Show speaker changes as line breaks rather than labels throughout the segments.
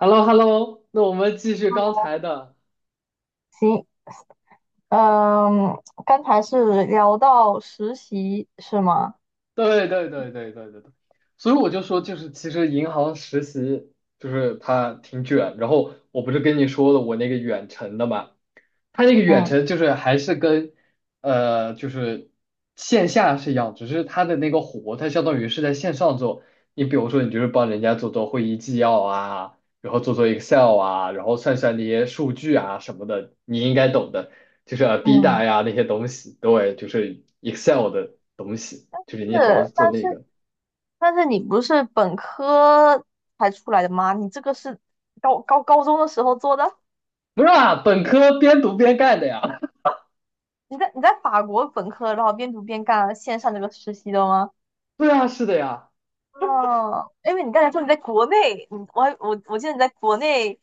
h e l l o h e l l o 那我们继续刚才的，
行，嗯，刚才是聊到实习是吗？
对对对对对对对，所以我就说，就是其实银行实习就是它挺卷，然后我不是跟你说了我那个远程的嘛，它那个远
嗯
程就是还是跟就是线下是一样，只是它的那个活，它相当于是在线上做，你比如说你就是帮人家做做会议纪要啊，然后做做 Excel 啊，然后算算那些数据啊什么的，你应该懂的。就是啊 B
嗯，
大呀那些东西，对，就是 Excel 的东西，就是你主要是
是，
做
但
那
是
个。
但是你不是本科才出来的吗？你这个是高中的时候做的？
不是啊，本科边读边干的呀。
你在法国本科，然后边读边干线上这个实习的吗？
对啊，是的呀。
哦，因为你刚才说你在国内，我还记得你在国内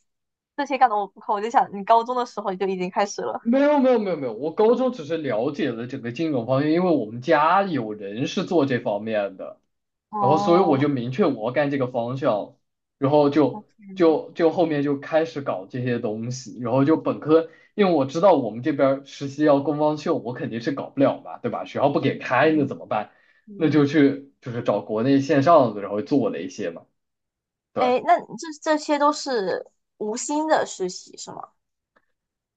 这些干的我不靠，我就想你高中的时候就已经开始了。
没有没有没有没有，我高中只是了解了整个金融方面，因为我们家有人是做这方面的。然后所以我
哦，
就明确我要干这个方向，然后就
嗯
后面就开始搞这些东西，然后就本科，因为我知道我们这边儿实习要工方秀，我肯定是搞不了嘛，对吧？学校不给开，那怎么办？那
嗯。
就去就是找国内线上的，然后做了一些嘛，对。
哎，那这些都是无薪的实习是吗？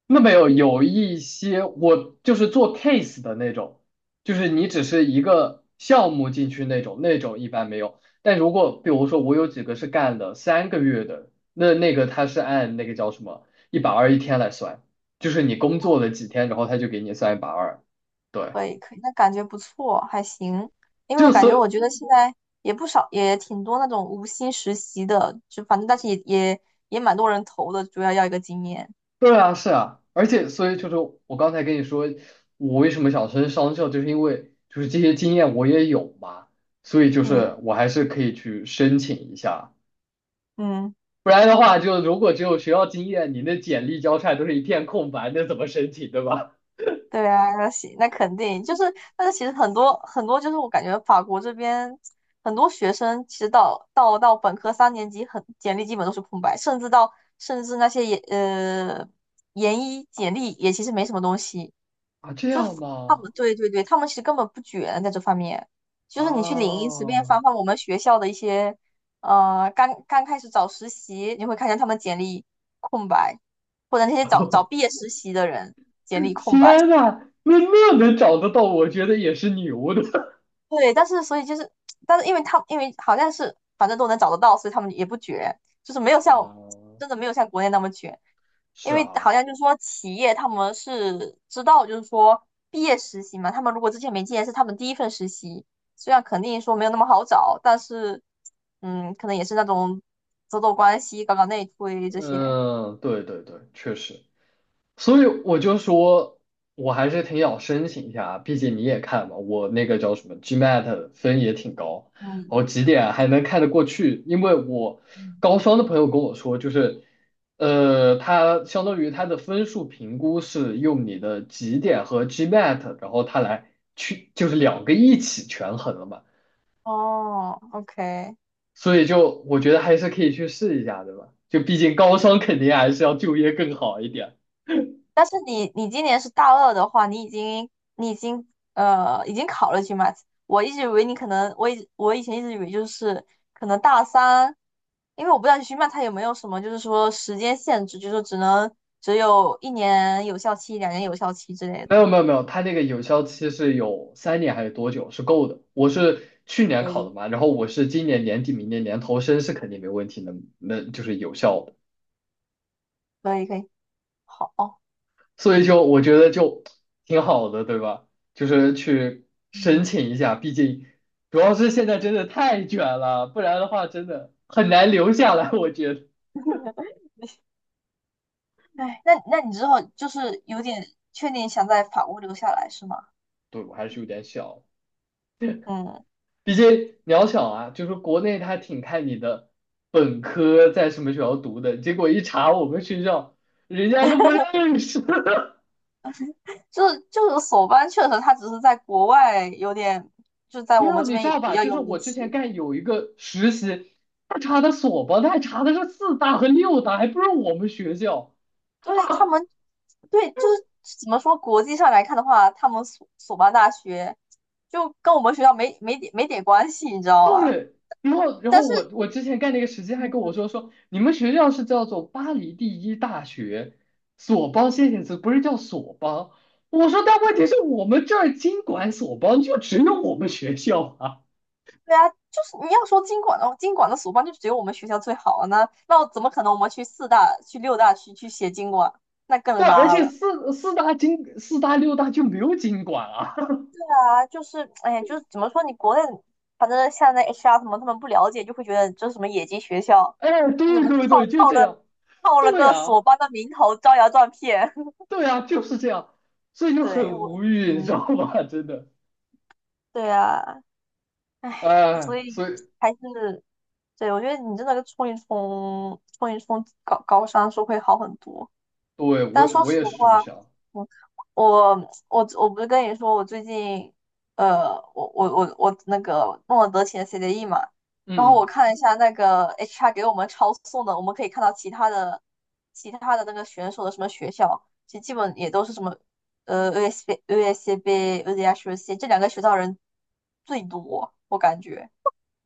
那没有，有一些我就是做 case 的那种，就是你只是一个项目进去那种，那种一般没有。但如果比如说我有几个是干了3个月的，那那个他是按那个叫什么一百二一天来算，就是你工作了几天，然后他就给你算一百二。对，
可以，可以，那感觉不错，还行。因为我
就
感
所
觉，我觉得现在也不少，也挺多那种无薪实习的，就反正但是也蛮多人投的，主要要一个经验。
对啊，是啊，而且所以就是我刚才跟你说，我为什么想升商校，就是因为就是这些经验我也有嘛，所以就是
嗯
我还是可以去申请一下，
嗯。
不然的话，就如果只有学校经验，你那简历交差都是一片空白，那怎么申请，对吧？
对啊，那行，那肯定就是，但是其实很多就是我感觉法国这边很多学生其实到本科三年级很简历基本都是空白，甚至那些研一简历也其实没什么东西，
啊，这
就是
样
他们
吗？
对对对，他们其实根本不卷在这方面，就是你去领英随便翻
啊，
翻我们学校的一些刚刚开始找实习，你会看见他们简历空白，或者那些找找 毕业实习的人简历空白。
天呐，那那能找得到，我觉得也是牛的。
对，但是所以就是，但是因为他因为好像是反正都能找得到，所以他们也不卷，就是没有像
啊，
真的没有像国内那么卷，
是
因为
啊，
好像就是说企业他们是知道，就是说毕业实习嘛，他们如果之前没经验是他们第一份实习，虽然肯定说没有那么好找，但是嗯，可能也是那种走走关系、搞搞内推这些，
嗯，对对对，确实。所以我就说，我还是挺想申请一下，毕竟你也看嘛，我那个叫什么 GMAT 分也挺高，我
嗯，
几
你
点
可
还能看得过去？因为我
嗯，
高双的朋友跟我说，就是，呃，他相当于他的分数评估是用你的几点和 GMAT,然后他来去就是两个一起权衡了嘛，
哦，OK。
所以就我觉得还是可以去试一下，对吧？就毕竟高双肯定还是要就业更好一点。
但是你你今年是大二的话，你已经已经考了 GMAT，我一直以为你可能我以前一直以为就是可能大三，因为我不知道 GMAT 它有没有什么就是说时间限制，就是说只能只有一年有效期、两年有效期之类
没
的。
有没有没有，它那个有效期是有3年还是多久是够的。我是去年
可
考的
以，
嘛，然后我是今年年底、明年年头申是肯定没问题能就是有效的。
可以，可以，好，
所以就我觉得就挺好的，对吧？就是去申
嗯，
请一下，毕竟主要是现在真的太卷了，不然的话真的很难留下来。我觉得，
哎，那那你之后就是有点确定想在法国留下来是吗？
对，我还是有点小。
嗯。
毕竟渺小啊，就是国内他挺看你的本科在什么学校读的，结果一查我们学校，人家都不认识。
就是索邦确实，它只是在国外有点，就在
没
我
有，
们这
你知
边
道
比
吧？
较
就
有
是
名
我之前
气。
干有一个实习，他查的所吧，他还查的是四大和六大，还不是我们学校。
对他们，对就是怎么说，国际上来看的话，他们索邦大学就跟我们学校没点关系，你知道吗？
对，然后然
但
后
是，
我之前干那个实习还跟我
嗯，
说说你们学校是叫做巴黎第一大学索邦先行词不是叫索邦。我说但问题是我们这儿经管索邦就只有我们学校啊，
对啊，就是你要说经管的，经管的索邦就只有我们学校最好啊，那怎么可能我们去四大、去六大去写经管，那
对，
更
而
拉
且
了。
四大四大六大就没有经管啊。
啊，就是哎呀，就是怎么说，你国内反正现在 HR 什么他们不了解，就会觉得这是什么野鸡学校，
哎，
你怎
对
么
对对，
套
就
套
这
了
样，
套了
对
个
啊
索邦的名头招摇撞骗？
对啊就是这样，所以 就
对
很
我，
无语，你知
嗯，
道吧？真的，
对啊，哎，
哎，
所
所
以
以
还是对我觉得你真的冲一冲高商是会好很多。
对
但
我
说
我
实
也是这么
话，
想，
我我我不是跟你说，我最近我那个诺德奇的 CDE 嘛，然后我
嗯。嗯
看了一下那个 HR 给我们抄送的，我们可以看到其他的那个选手的什么学校，其实基本也都是什么USB、USB c B、UDHC 这两个学校人最多，我感觉。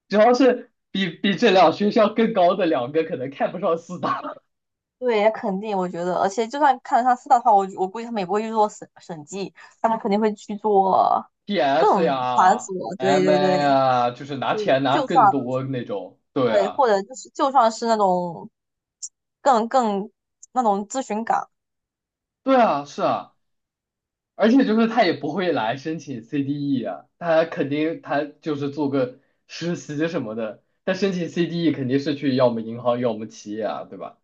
主要是比这两学校更高的两个可能看不上四大
对，肯定，我觉得，而且就算看得上四大的话，我估计他们也不会去做审计，他们肯定会去做
PS
更繁
呀、
琐。对对对
MA 啊，就是拿
对，
钱拿
就算
更多那种。对
对，
啊，
或者就是就算是那种 更更那种咨询岗，
对啊，是啊，而且就是他也不会来申请 CDE 啊，他肯定他就是做个实习什么的，他申请 CDE 肯定是去要么银行，要么企业啊，对吧？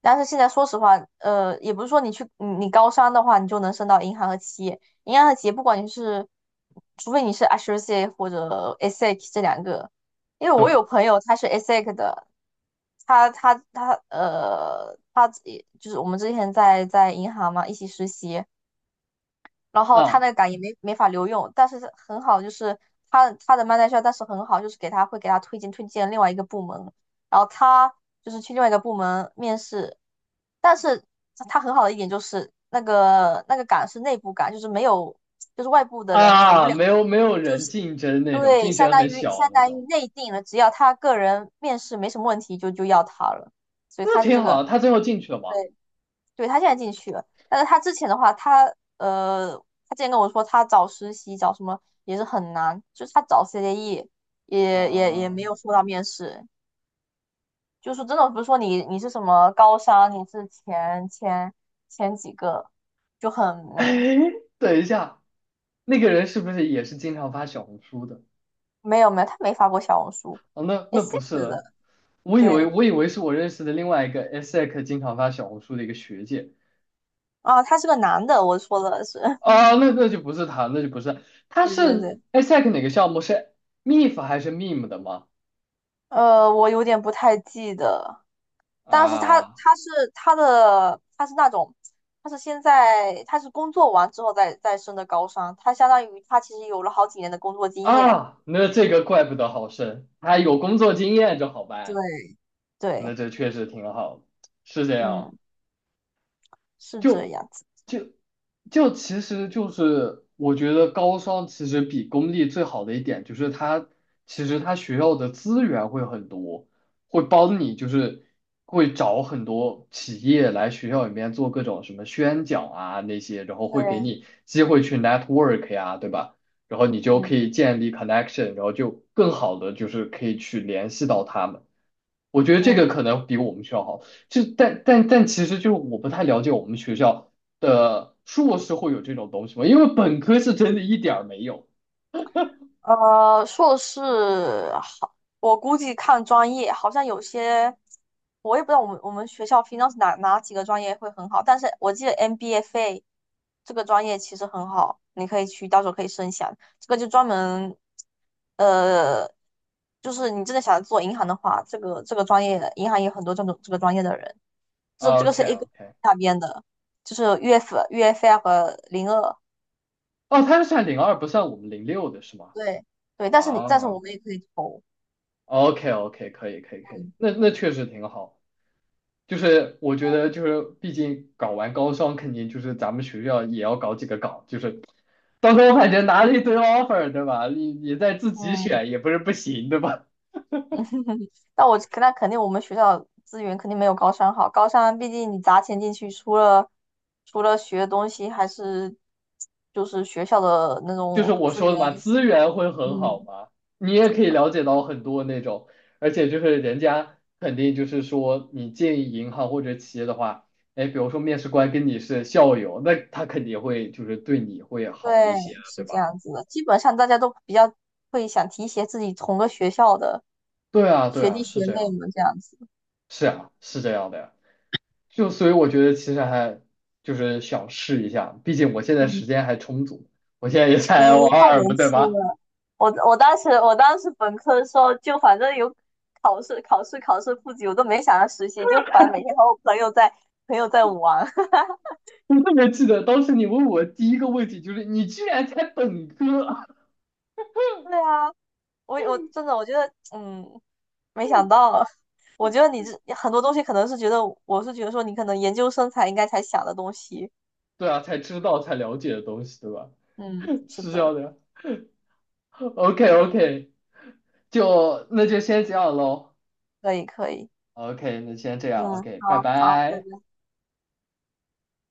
但是现在说实话，呃，也不是说你去你你高商的话，你就能升到银行和企业。银行和企业，不管你是，除非你是 a s o c i a t e 或者 e x c 这两个，因为我有朋友他是 exec 的，他也就是我们之前在银行嘛一起实习，然后他那
啊
个岗也没法留用，但是很好，就是他的 m a n 但是很好，就是给他会给他推荐另外一个部门，然后他就是去另外一个部门面试，但是他很好的一点就是那个岗是内部岗，就是没有就是外部的人投不
啊，
了，
没有没有
就
人
是
竞争那种，
对，
竞
相
争
当
很
于
小
相
那
当于
种，
内定了，只要他个人面试没什么问题就要他了，所以
那
他是
挺
这
好
个。
的他最后进去了吗？
对对，他现在进去了，但是他之前的话，呃，他之前跟我说他找实习找什么也是很难，就是他找 CDE 也
啊。
没有说到面试，就是真的不是说你你是什么高商，你是前几个，就很 嗯，
哎，等一下，那个人是不是也是经常发小红书的？
没有没有，他没发过小红书
哦，那
a
那
c
不是
c
了，
的，
我以为
对，
我以为是我认识的另外一个 ESSEC 经常发小红书的一个学姐
啊，他是个男的，我说的是，
啊，那就不是她，那就不是，她
对对
是
对，
ESSEC 哪个项目是 MIF 还是 MIM 的吗？
我有点不太记得。但是他
啊
他是他的他是那种，他是现在他是工作完之后再升的高商，他相当于他其实有了好几年的工作经验。
啊，那这个怪不得好深，他有工作经验就好
对，
办，那
对，
这确实挺好，是这样。
嗯，是这
就
样子。
就其实就是我觉得高商其实比公立最好的一点就是它其实它学校的资源会很多，会帮你就是会找很多企业来学校里面做各种什么宣讲啊那些，然后会给
对，
你机会去 network 呀，对吧？然后你就可
嗯
以建立 connection,然后就更好的就是可以去联系到他们。我觉得这个
嗯。
可能比我们学校好，就但其实就是我不太了解我们学校的硕士会有这种东西吗？因为本科是真的一点儿没有。
呃，硕士好，我估计看专业，好像有些我也不知道我们学校 finance 哪几个专业会很好，但是我记得 MBFA 这个专业其实很好，你可以去到时候可以申请。这个就专门呃，就是你真的想做银行的话，这个这个专业银行也有很多这种这个专业的人，这个
OK
是 A 股
OK,
那边的，就是 UF UFI 和02，
哦，他是算零二不算我们零六的是吗？
对对，但是我
啊
们也可以投，
，OK OK,可以可以可以，
嗯。
那那确实挺好。就是我觉得就是毕竟搞完高双肯定就是咱们学校也要搞几个岗，就是到时候感觉拿了一堆 offer 对吧？你再自己
嗯，
选也不是不行对吧？
那我那肯定我们学校资源肯定没有高三好，高三毕竟你砸钱进去，除了学的东西，还是就是学校的那
就是
种
我
资
说的
源，
嘛，资源会很好
嗯，
嘛，你也可以了解到很多那种，而且就是人家肯定就是说，你进银行或者企业的话，哎，比如说面试官跟你是校友，那他肯定会就是对你会
对，
好一些，对
是这
吧？
样子的。基本上大家都比较会想提携自己同个学校的
对啊，对
学
啊，
弟学
是这样
妹
的，
们这样子，
是啊，是这样的呀。就所以我觉得其实还就是想试一下，毕竟我现在时
嗯，
间还充足，我现在也
你
才 L
太
二
年
嘛，对
轻
吧？
了。我当时本科的时候，就反正有考试复习，我都没想着实习，就反正每天和我朋友在玩。
我特别记得当时你问我第一个问题就是你居然才本科，
对啊，我真的我觉得，嗯，没想到啊，我觉得你这很多东西可能是觉得，我是觉得说你可能研究生才应该才想的东西。
对啊，才知道才了解的东西，对吧？
嗯，是
是这
的，
样的。OK OK,就那就先这样喽。
可以可以，
OK,那先这
嗯，
样。OK,拜
好好，拜
拜。
拜。